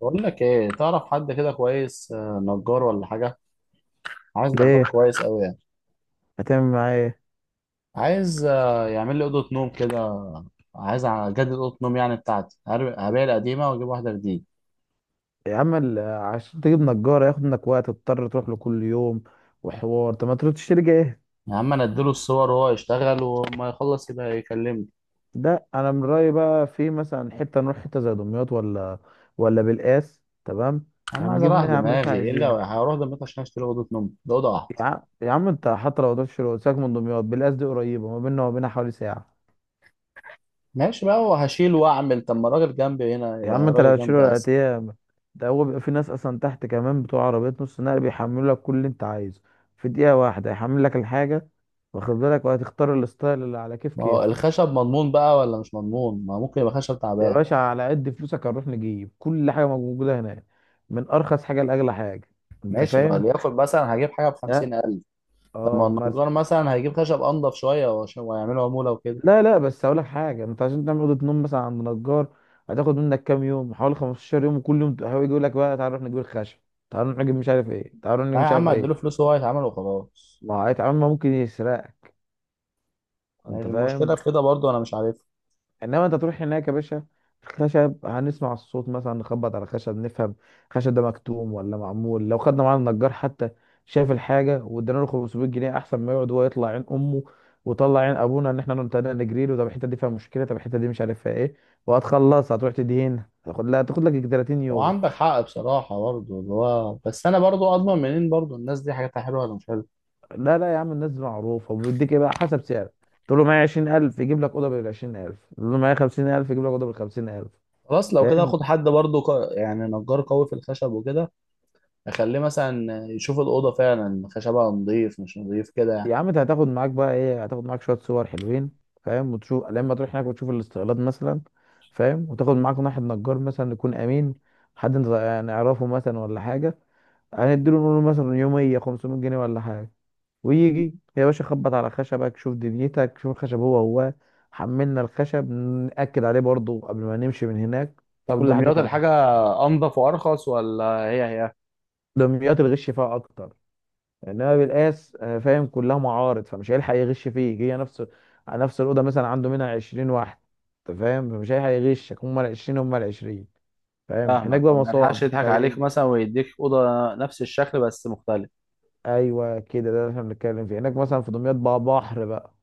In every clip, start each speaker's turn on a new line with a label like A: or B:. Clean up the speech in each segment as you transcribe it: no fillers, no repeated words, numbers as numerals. A: بقول لك ايه؟ تعرف حد كده كويس، نجار ولا حاجه؟ عايز نجار
B: ليه؟
A: كويس قوي يعني.
B: هتعمل معاه ايه؟
A: عايز يعمل لي اوضه نوم كده. عايز اجدد اوضه نوم يعني بتاعتي، هبيع القديمه واجيب واحده جديده.
B: يا عم عشان تجيب نجار هياخد منك وقت، تضطر تروح له كل يوم وحوار. طب ما تروح تشتري جاهز.
A: يا عم انا اديله الصور وهو يشتغل، وما يخلص يبقى يكلمني.
B: ده انا من رايي بقى في مثلا حته، نروح حته زي دمياط ولا ولا بالقاس، تمام؟
A: يا عم عايز
B: هنجيب
A: اريح
B: منها هنعمل اللي احنا
A: دماغي، ايه اللي
B: عايزينه.
A: هروح دمياط عشان اشتري اوضه نوم؟ ده اوضه واحده.
B: يا عم انت حتى لو تروح تشتري ساك من دمياط، بالقاس دي قريبه، ما بيننا وما بينها حوالي ساعه.
A: ماشي بقى، وهشيل واعمل، طب ما الراجل جنبي هنا،
B: يا
A: يبقى
B: عم انت لو
A: الراجل جنبي
B: هتشيله
A: اسهل.
B: العتيه، ده هو بيبقى في ناس اصلا تحت كمان بتوع عربيات نص نقل بيحملوا لك كل اللي انت عايزه في دقيقه واحده، يحمل لك الحاجه، واخد بالك؟ وهتختار الستايل اللي على كيف
A: ما هو
B: كيفك.
A: الخشب مضمون بقى ولا مش مضمون؟ ما ممكن يبقى خشب
B: يا
A: تعبان.
B: باشا على قد فلوسك هنروح نجيب كل حاجه موجوده هناك، من ارخص حاجه لاغلى حاجه. انت
A: ماشي، ما
B: فاهم؟
A: ليكن مثلا هجيب حاجه ب
B: لا.
A: 50000. طب ما
B: اه مثلا.
A: النجار مثلا هيجيب خشب انضف شويه، وهيعملوا عموله وكده.
B: لا لا، بس هقول لك حاجه، انت عشان تعمل اوضه نوم مثلا عند نجار، هتاخد منك كام يوم؟ حوالي 15 يوم، وكل يوم هو يجي يقول لك بقى تعال نروح نجيب الخشب، تعال نروح نجيب مش عارف ايه، تعال نروح
A: لا
B: نجيب
A: يا
B: مش
A: عم،
B: عارف
A: هديله
B: ايه.
A: فلوس وهو هيتعمل وخلاص.
B: ما هو عمل، ممكن يسرقك.
A: يعني
B: انت
A: المشكله
B: فاهم؟
A: في كده برضو، انا مش عارف.
B: انما انت تروح هناك يا باشا، خشب، هنسمع الصوت مثلا، نخبط على خشب نفهم خشب ده مكتوم ولا معمول. لو خدنا معانا النجار حتى، شاف الحاجه وادينا له 500 جنيه، احسن ما يقعد هو يطلع عين امه وطلع عين ابونا ان احنا نبتدي نجري له. طب الحته دي فيها مشكله، طب الحته دي مش عارف فيها ايه. وهتخلص هتروح تدهن، هتاخد لا تاخد لك 30
A: هو
B: يوم.
A: عندك حق بصراحه برضو، اللي هو بس انا برضو اضمن منين برضو الناس دي حاجاتها حلوه ولا مش حلوه؟
B: لا لا يا عم، الناس دي معروفه، وبيديك ايه بقى حسب سعر. تقول له معايا 20,000 يجيب لك اوضه بال 20,000، تقول له معايا 50,000 يجيب لك اوضه بال 50,000.
A: خلاص لو كده
B: فاهم؟
A: اخد حد برضو يعني نجار قوي في الخشب وكده، اخليه مثلا يشوف الاوضه فعلا خشبها نضيف مش نضيف كده يعني.
B: يا عم انت هتاخد معاك بقى ايه؟ هتاخد معاك شويه صور حلوين، فاهم؟ وتشوف لما تروح هناك، وتشوف الاستقلال مثلا، فاهم؟ وتاخد معاك واحد نجار مثلا يكون امين، حد انت يعني نعرفه مثلا ولا حاجه. هنديله، نقول له مثلا يوميه 500 جنيه ولا حاجه، ويجي يا باشا، خبط على خشبك، شوف دنيتك، شوف الخشب هو هو. حملنا الخشب نأكد عليه برضه قبل ما نمشي من هناك.
A: طب
B: كل حاجه
A: دمياط
B: تمام.
A: الحاجه انضف وارخص ولا هي هي؟
B: دمياط الغش فيها اكتر، انما بالقاس فاهم، كلها معارض، فمش هيلحق يغش فيك. هي نفس على نفس الاوضه، مثلا عنده منها 20 واحد، انت فاهم؟ فمش هيلحق يغشك. هم ال 20 هم ال 20، فاهم؟ هناك
A: فاهمك.
B: بقى
A: طب ما يلحقش
B: مصانع
A: يضحك عليك
B: فبقى.
A: مثلا ويديك اوضه نفس الشكل بس مختلف؟
B: ايوه كده، ده اللي احنا بنتكلم فيه، هناك مثلا في دمياط بقى بحر بقى.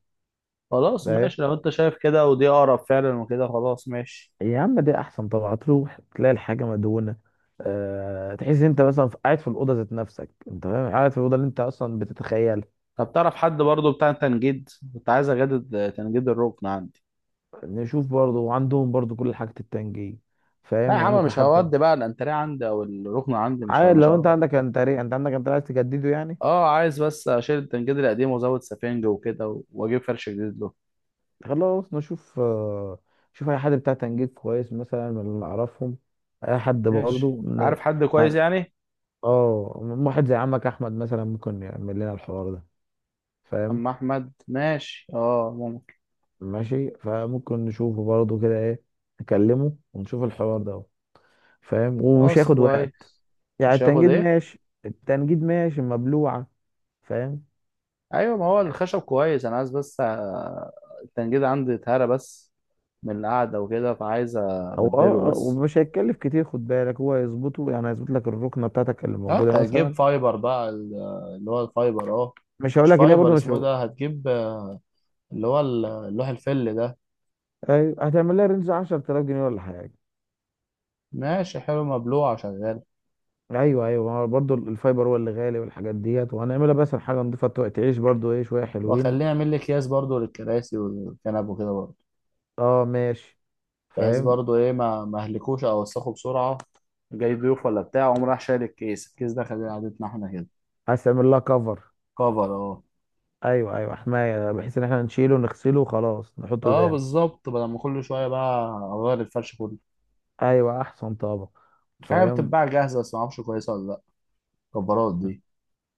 A: خلاص
B: فاهم؟
A: ماشي، لو انت شايف كده ودي اقرب فعلا وكده خلاص ماشي.
B: يا عم ده احسن طبعا، تروح تلاقي الحاجه مدهونه. أه، تحس انت مثلا قاعد في الاوضه ذات نفسك، انت فاهم؟ قاعد في الاوضه اللي انت اصلا بتتخيلها.
A: طب تعرف حد برضو بتاع تنجيد؟ كنت عايز اجدد تنجيد الركن عندي.
B: نشوف برضو، وعندهم برضو كل حاجه، التنجيم،
A: لا يا
B: فاهم؟ يعني
A: عم
B: ممكن
A: مش
B: حتى.
A: هودي بقى الانتريه عندي او الركن عندي،
B: عادي،
A: مش
B: لو انت
A: هروح عليه.
B: عندك انتري، انت عندك، انت عايز تجدده يعني.
A: اه، عايز بس اشيل التنجيد القديم وازود سفنج وكده واجيب فرش جديد له.
B: خلاص نشوف. شوف اي حد بتاع تنجيد كويس مثلا من اللي نعرفهم، اي حد
A: ماشي،
B: برضه
A: عارف حد كويس
B: ه-
A: يعني؟
B: اه. واحد زي عمك احمد مثلا ممكن يعمل لنا الحوار ده، فاهم؟
A: اما احمد ماشي، اه ممكن.
B: ماشي، فممكن نشوفه برضه كده ايه، نكلمه ونشوف الحوار ده، فاهم؟ ومش
A: خلاص
B: هياخد وقت.
A: كويس.
B: يعني
A: مش هياخد
B: التنجيد
A: ايه.
B: ماشي، التنجيد ماشي مبلوعة، فاهم؟
A: ايوه، ما هو الخشب كويس، انا عايز بس التنجيد عندي اتهرى بس من القعده وكده، فعايز
B: هو
A: ابدله
B: اه،
A: بس.
B: ومش هيتكلف كتير، خد بالك، هو هيظبطه يعني، هيظبط لك الركنه بتاعتك اللي
A: اه أنت
B: موجوده
A: هتجيب
B: مثلا.
A: فايبر بقى اللي هو الفايبر، اه.
B: مش
A: مش
B: هقول لك ان هي
A: فايبر،
B: برضه مش
A: اسمه إيه
B: هو-
A: ده هتجيب؟ اللي هو اللوح الفل ده.
B: ايوه. هتعمل لها رينج 10,000 جنيه ولا حاجه.
A: ماشي حلو مبلوع شغال.
B: ايوه ايوه، ما هو برضه الفايبر هو اللي غالي، والحاجات ديت وهنعملها، بس حاجه نضيفه تعيش برضه ايه، شويه
A: واخليه
B: حلوين.
A: يعمل لي اكياس برضو للكراسي والكنب وكده برضو،
B: اه ماشي.
A: بحيث
B: فاهم.
A: برضو ايه، ما اهلكوش او اوسخه بسرعه. جاي ضيوف ولا بتاع، قوم راح شايل الكيس ده خليه قعدتنا احنا كده.
B: عايز تعمل لها كفر؟
A: كفر، اه.
B: ايوه ايوه، حمايه، بحيث ان احنا نشيله نغسله وخلاص نحطه
A: اه
B: تاني.
A: بالظبط، بدل ما كل شويه بقى اغير الفرش كله.
B: ايوه احسن طبعا.
A: في حاجه
B: فاهم.
A: بتتباع جاهزه بس ما اعرفش كويسه ولا لا، الكبارات دي.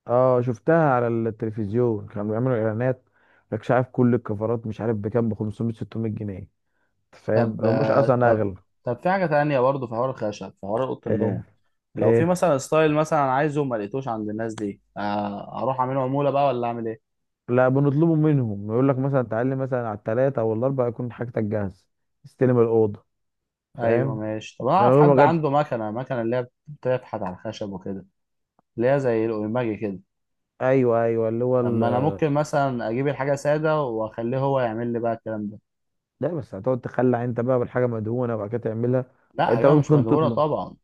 B: اه شفتها على التلفزيون، كانوا بيعملوا اعلانات. مش عارف كل الكفرات مش عارف بكام، ب 500 600 جنيه. أنت فاهم؟
A: طب
B: لو مش
A: آه،
B: اصلا
A: طب
B: اغلى.
A: طب في حاجه تانية برضه، في حوار الخشب، في حوار اوضه النوم.
B: ايه؟
A: لو في
B: ايه؟
A: مثلا ستايل مثلا عايزه ما لقيتوش عند الناس دي، اروح اعمله عموله بقى ولا اعمل ايه؟
B: لا، بنطلبه منهم، يقول لك مثلا تعالي مثلا على الثلاثه او الاربعه، يكون حاجتك جاهزه، استلم الاوضه،
A: ايوه
B: فاهم؟
A: ماشي. طب انا
B: من
A: اعرف
B: غير
A: حد
B: ما جت.
A: عنده مكنه اللي هي بتفحت على الخشب وكده، اللي هي زي الاوماجي كده.
B: ايوه ايوه اللي هو
A: طب
B: ال...
A: ما انا ممكن مثلا اجيب الحاجه ساده، واخليه هو يعمل لي بقى الكلام ده.
B: لا، بس هتقعد تخلع انت بقى بالحاجه مدهونه وبعد كده تعملها.
A: لا
B: انت
A: ايوه، مش
B: ممكن
A: مدهوره
B: تطلب.
A: طبعا.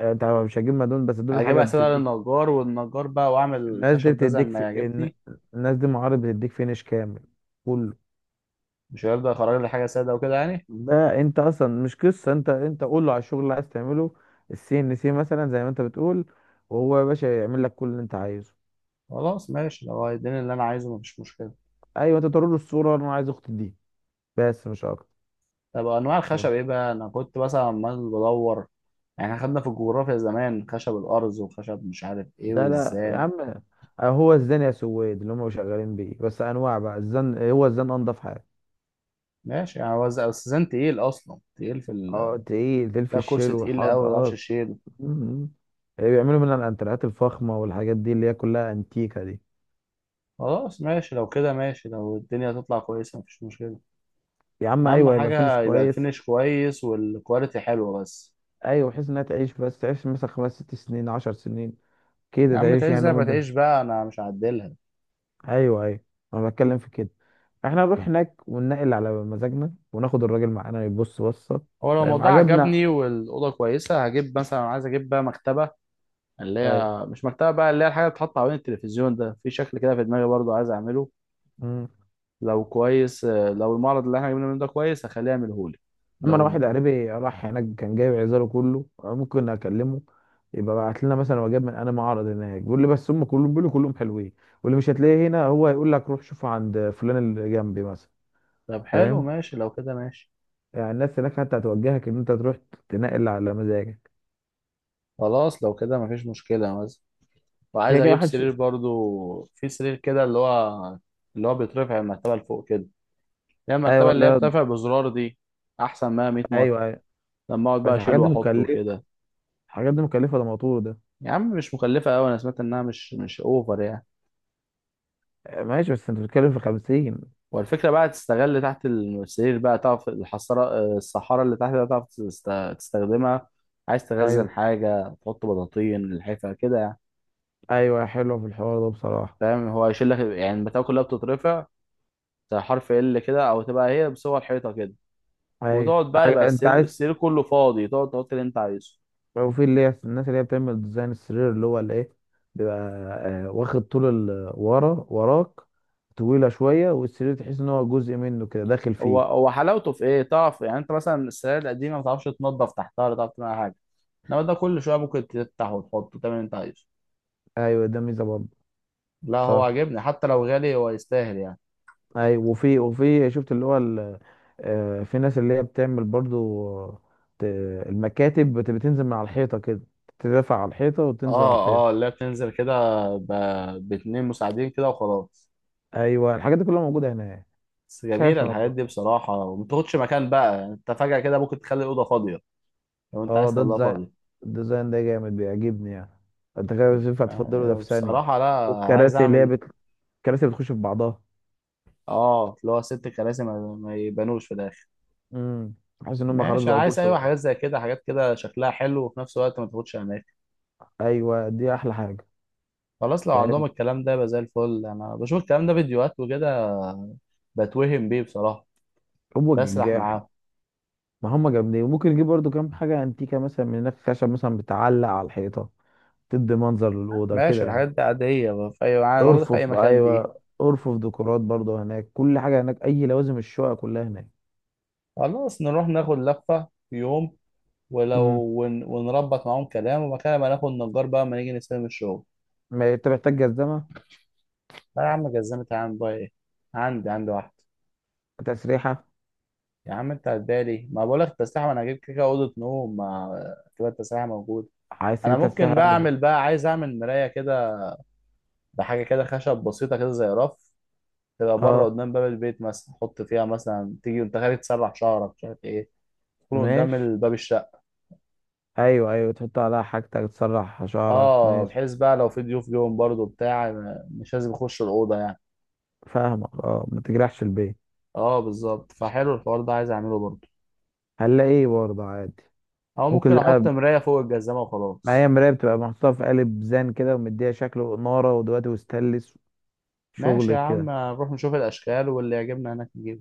B: انت مش هتجيب مدهون، بس دول حاجه
A: هجيبها سادة
B: بتديك.
A: للنجار، والنجار بقى واعمل
B: الناس دي
A: الخشب ده زي
B: بتديك
A: ما يعجبني.
B: الناس دي معارض بتديك فينش كامل، كله.
A: مش هيرضى يخرج لي حاجة سادة وكده يعني؟
B: لا انت اصلا مش قصه انت، انت قول له على الشغل اللي عايز تعمله، السي ان سي مثلا زي ما انت بتقول، وهو يا باشا يعمل لك كل اللي انت عايزه.
A: خلاص ماشي، لو هيديني اللي انا عايزه مفيش مشكلة.
B: ايوه، انت توري له الصوره، انا عايز اختي دي، بس مش اكتر.
A: طب انواع الخشب
B: نعم.
A: ايه بقى؟ انا كنت مثلا عمال بدور يعني، احنا خدنا في الجغرافيا زمان خشب الارز، وخشب مش عارف ايه،
B: لا لا يا
A: والزان.
B: عم. هو الزن يا سويد اللي هم شغالين بيه، بس انواع بقى الزن، هو الزن انضف حاجه.
A: ماشي يعني، هو الزان تقيل، اصلا تقيل في
B: اه تقيل، تقيل في
A: ده
B: الشيل
A: كرسي تقيل
B: والحط،
A: قوي ما تعرفش
B: اه.
A: تشيله.
B: مم. بيعملوا منها الانتريهات الفخمه والحاجات دي اللي هي كلها انتيكه دي.
A: خلاص ماشي، لو كده ماشي، لو الدنيا تطلع كويسة مفيش مشكلة.
B: يا عم
A: اهم
B: ايوه، هيبقى فينش
A: حاجة يبقى
B: كويس.
A: الفينش كويس، والكواليتي حلوة بس.
B: ايوه بحيث انها تعيش، بس تعيش مثلا خمس ست سنين عشر سنين
A: يا
B: كده،
A: عم
B: تعيش
A: تعيش
B: يعني
A: زي ما
B: مدة.
A: تعيش بقى، انا مش هعدلها.
B: ايوه ايوه، انا بتكلم في كده. احنا نروح هناك وننقل على مزاجنا، وناخد الراجل معانا يبص بصة.
A: هو لو
B: فاهم؟
A: الموضوع عجبني
B: عجبنا
A: والاوضه كويسه، هجيب مثلا، عايز اجيب بقى مكتبه، اللي
B: اي.
A: هي مش مكتبه بقى، اللي هي الحاجه اللي بتتحط حوالين التلفزيون ده، في شكل كده في دماغي برضو عايز اعمله.
B: مم.
A: لو كويس آه، لو المعرض اللي احنا جبنا منه ده كويس، هخليه يعمله لي.
B: اما انا
A: لو
B: واحد قريبي راح هناك كان جايب عزاله كله، ممكن اكلمه، يبقى بعت لنا مثلا وجاب من انا معرض هناك، بيقول لي بس هم كلهم بيقولوا كلهم حلوين، واللي مش هتلاقيه هنا هو يقول لك روح شوفه عند فلان اللي جنبي مثلا،
A: طب حلو
B: فاهم؟
A: ماشي، لو كده ماشي.
B: يعني الناس هناك حتى هتوجهك ان انت تروح تنقل على مزاجك.
A: خلاص لو كده مفيش مشكله. مثلا
B: كده
A: وعايز
B: كده
A: اجيب
B: محدش.
A: سرير برضو، في سرير كده اللي هو، اللي هو بيترفع المرتبه لفوق كده، اللي هي المرتبه
B: ايوه.
A: اللي هي
B: لا.
A: بترفع بزرار دي، احسن ما 100 مره
B: ايوه ايوه.
A: لما اقعد
B: بس
A: بقى اشيله
B: الحاجات دي
A: واحطه
B: مكلفه،
A: وكده.
B: الحاجات دي مكلفه، ده موتور ده.
A: يا عم مش مكلفه قوي، انا سمعت انها مش اوفر يعني.
B: ماشي، بس انت بتتكلم في 50.
A: والفكره بقى تستغل تحت السرير بقى، تعرف الحصاره الصحاره اللي تحت بقى، تعرف تستخدمها. عايز تخزن
B: ايوه
A: حاجه، تحط بطاطين الحفه كده يعني.
B: ايوه، حلوه في الحوار ده بصراحه.
A: فاهم، هو يشيل لك يعني البتاع كلها بتترفع، زي حرف ال كده، او تبقى هي بصور حيطه كده،
B: ايوه
A: وتقعد بقى، يبقى
B: انت
A: السرير
B: عايز.
A: السرير كله فاضي، تقعد تحط اللي انت عايزه.
B: لو في اللي هي الناس اللي هي بتعمل ديزاين السرير، اللي هو الايه، بيبقى واخد طول ورا وراك، طويله شويه، والسرير تحس ان هو جزء منه كده، داخل
A: هو
B: فيه.
A: هو حلاوته في ايه؟ تعرف يعني انت مثلا السرير القديمه ما تعرفش تنضف تحتها، ولا تعرف تعمل حاجه. انما ده كل شويه ممكن تفتح وتحطه، تعمل اللي انت عايزه.
B: ايوه ده ميزه برضه.
A: لا هو
B: صح.
A: عاجبني، حتى لو غالي هو يستاهل يعني.
B: اي، وفي شفت اللي هو في ناس اللي هي بتعمل برضو، آه، ت- المكاتب بتنزل من على الحيطه كده، تدافع على الحيطه وتنزل على
A: اه اه،
B: الحيطه.
A: لا بتنزل كده، باتنين مساعدين كده وخلاص.
B: ايوه الحاجات دي كلها موجوده هناك.
A: بس
B: مفيش حاجه مش
A: جميلة الحاجات
B: موجوده.
A: دي بصراحة، وما بتاخدش مكان بقى يعني. انت فجأة كده ممكن تخلي الأوضة فاضية، لو انت
B: اه
A: عايز
B: ده
A: تخليها
B: ديزاين،
A: فاضية.
B: الديزاين ده جامد، بيعجبني يعني. انت كده مش ينفع تفضله، ده
A: يعني
B: في ثانيه.
A: بصراحة لا، عايز
B: والكراسي اللي هي
A: أعمل.
B: بت... الكراسي بتخش في بعضها.
A: اه، اللي هو ست كراسي ما يبانوش في الآخر.
B: امم. حاسس ان هم خلاص
A: ماشي، أنا
B: بقوا
A: عايز،
B: كورس
A: أيوة
B: بقى.
A: حاجات زي كده، حاجات كده شكلها حلو، وفي نفس الوقت ما تاخدش أماكن.
B: ايوه دي احلى حاجه.
A: خلاص لو عندهم
B: فاهم.
A: الكلام ده، يبقى زي الفل. أنا بشوف الكلام ده فيديوهات وكده، بتوهم بيه بصراحة،
B: هو
A: بسرح
B: الجاح.
A: معاهم.
B: ما هم جامدين، وممكن نجيب برضو كام حاجة انتيكة مثلا من هناك، خشب مثلا بتعلق على الحيطة، تدي منظر للأوضة كده
A: ماشي
B: يعني.
A: الحاجات دي عادية في أي موجودة في أي
B: ارفف بقى،
A: مكان دي.
B: أيوة ارفف، ديكورات برضو، هناك كل حاجة، هناك أي لوازم الشقة كلها هناك.
A: خلاص نروح ناخد لفة في يوم، ولو
B: امم.
A: ونربط معاهم كلام، ومكان ما ناخد نجار بقى ما نيجي نستلم الشغل.
B: ما أنت محتاج جزمة.
A: لا يا عم، جزمت يا عم بقى إيه؟ عندي واحد.
B: تسريحة.
A: يا عم أنت هتبالي، ما بقولك التسليح، ما أنا هجيب كده أوضة نوم، ما كده التسليح موجود.
B: عايز
A: أنا
B: تجيب
A: ممكن
B: تسريحة
A: بقى
B: يعني
A: أعمل بقى، عايز أعمل مراية كده، بحاجة كده خشب بسيطة كده زي رف، تبقى بره
B: اه.
A: قدام باب البيت مثلا، أحط فيها مثلا تيجي وأنت خارج تسرح شعرك مش عارف إيه، يكون قدام
B: ماشي،
A: باب الشقة.
B: أيوة أيوة تحط عليها حاجتك، تسرح شعرك،
A: اه،
B: ماشي.
A: بحيث بقى لو في ضيوف جوهم برضو بتاع مش لازم يخش الأوضة يعني.
B: فاهمك اه، ما تجرحش البيت.
A: اه بالظبط، فحلو الحوار ده، عايز اعمله برضو.
B: هنلاقي ايه برضه عادي.
A: او ممكن
B: ممكن.
A: احط
B: لا،
A: مراية فوق الجزامة وخلاص.
B: معايا مراية بتبقى محطوطة في قالب زان كده، ومديها شكل وإنارة ودلوقتي وستانلس،
A: ماشي
B: شغل
A: يا عم،
B: كده.
A: نروح نشوف الاشكال واللي يعجبنا هناك نجيبه.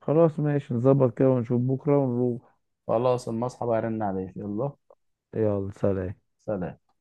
B: خلاص ماشي، نظبط كده ونشوف بكرة ونروح.
A: خلاص، اما اصحى بقى ارن عليك، يلا
B: يلا سلام.
A: سلام.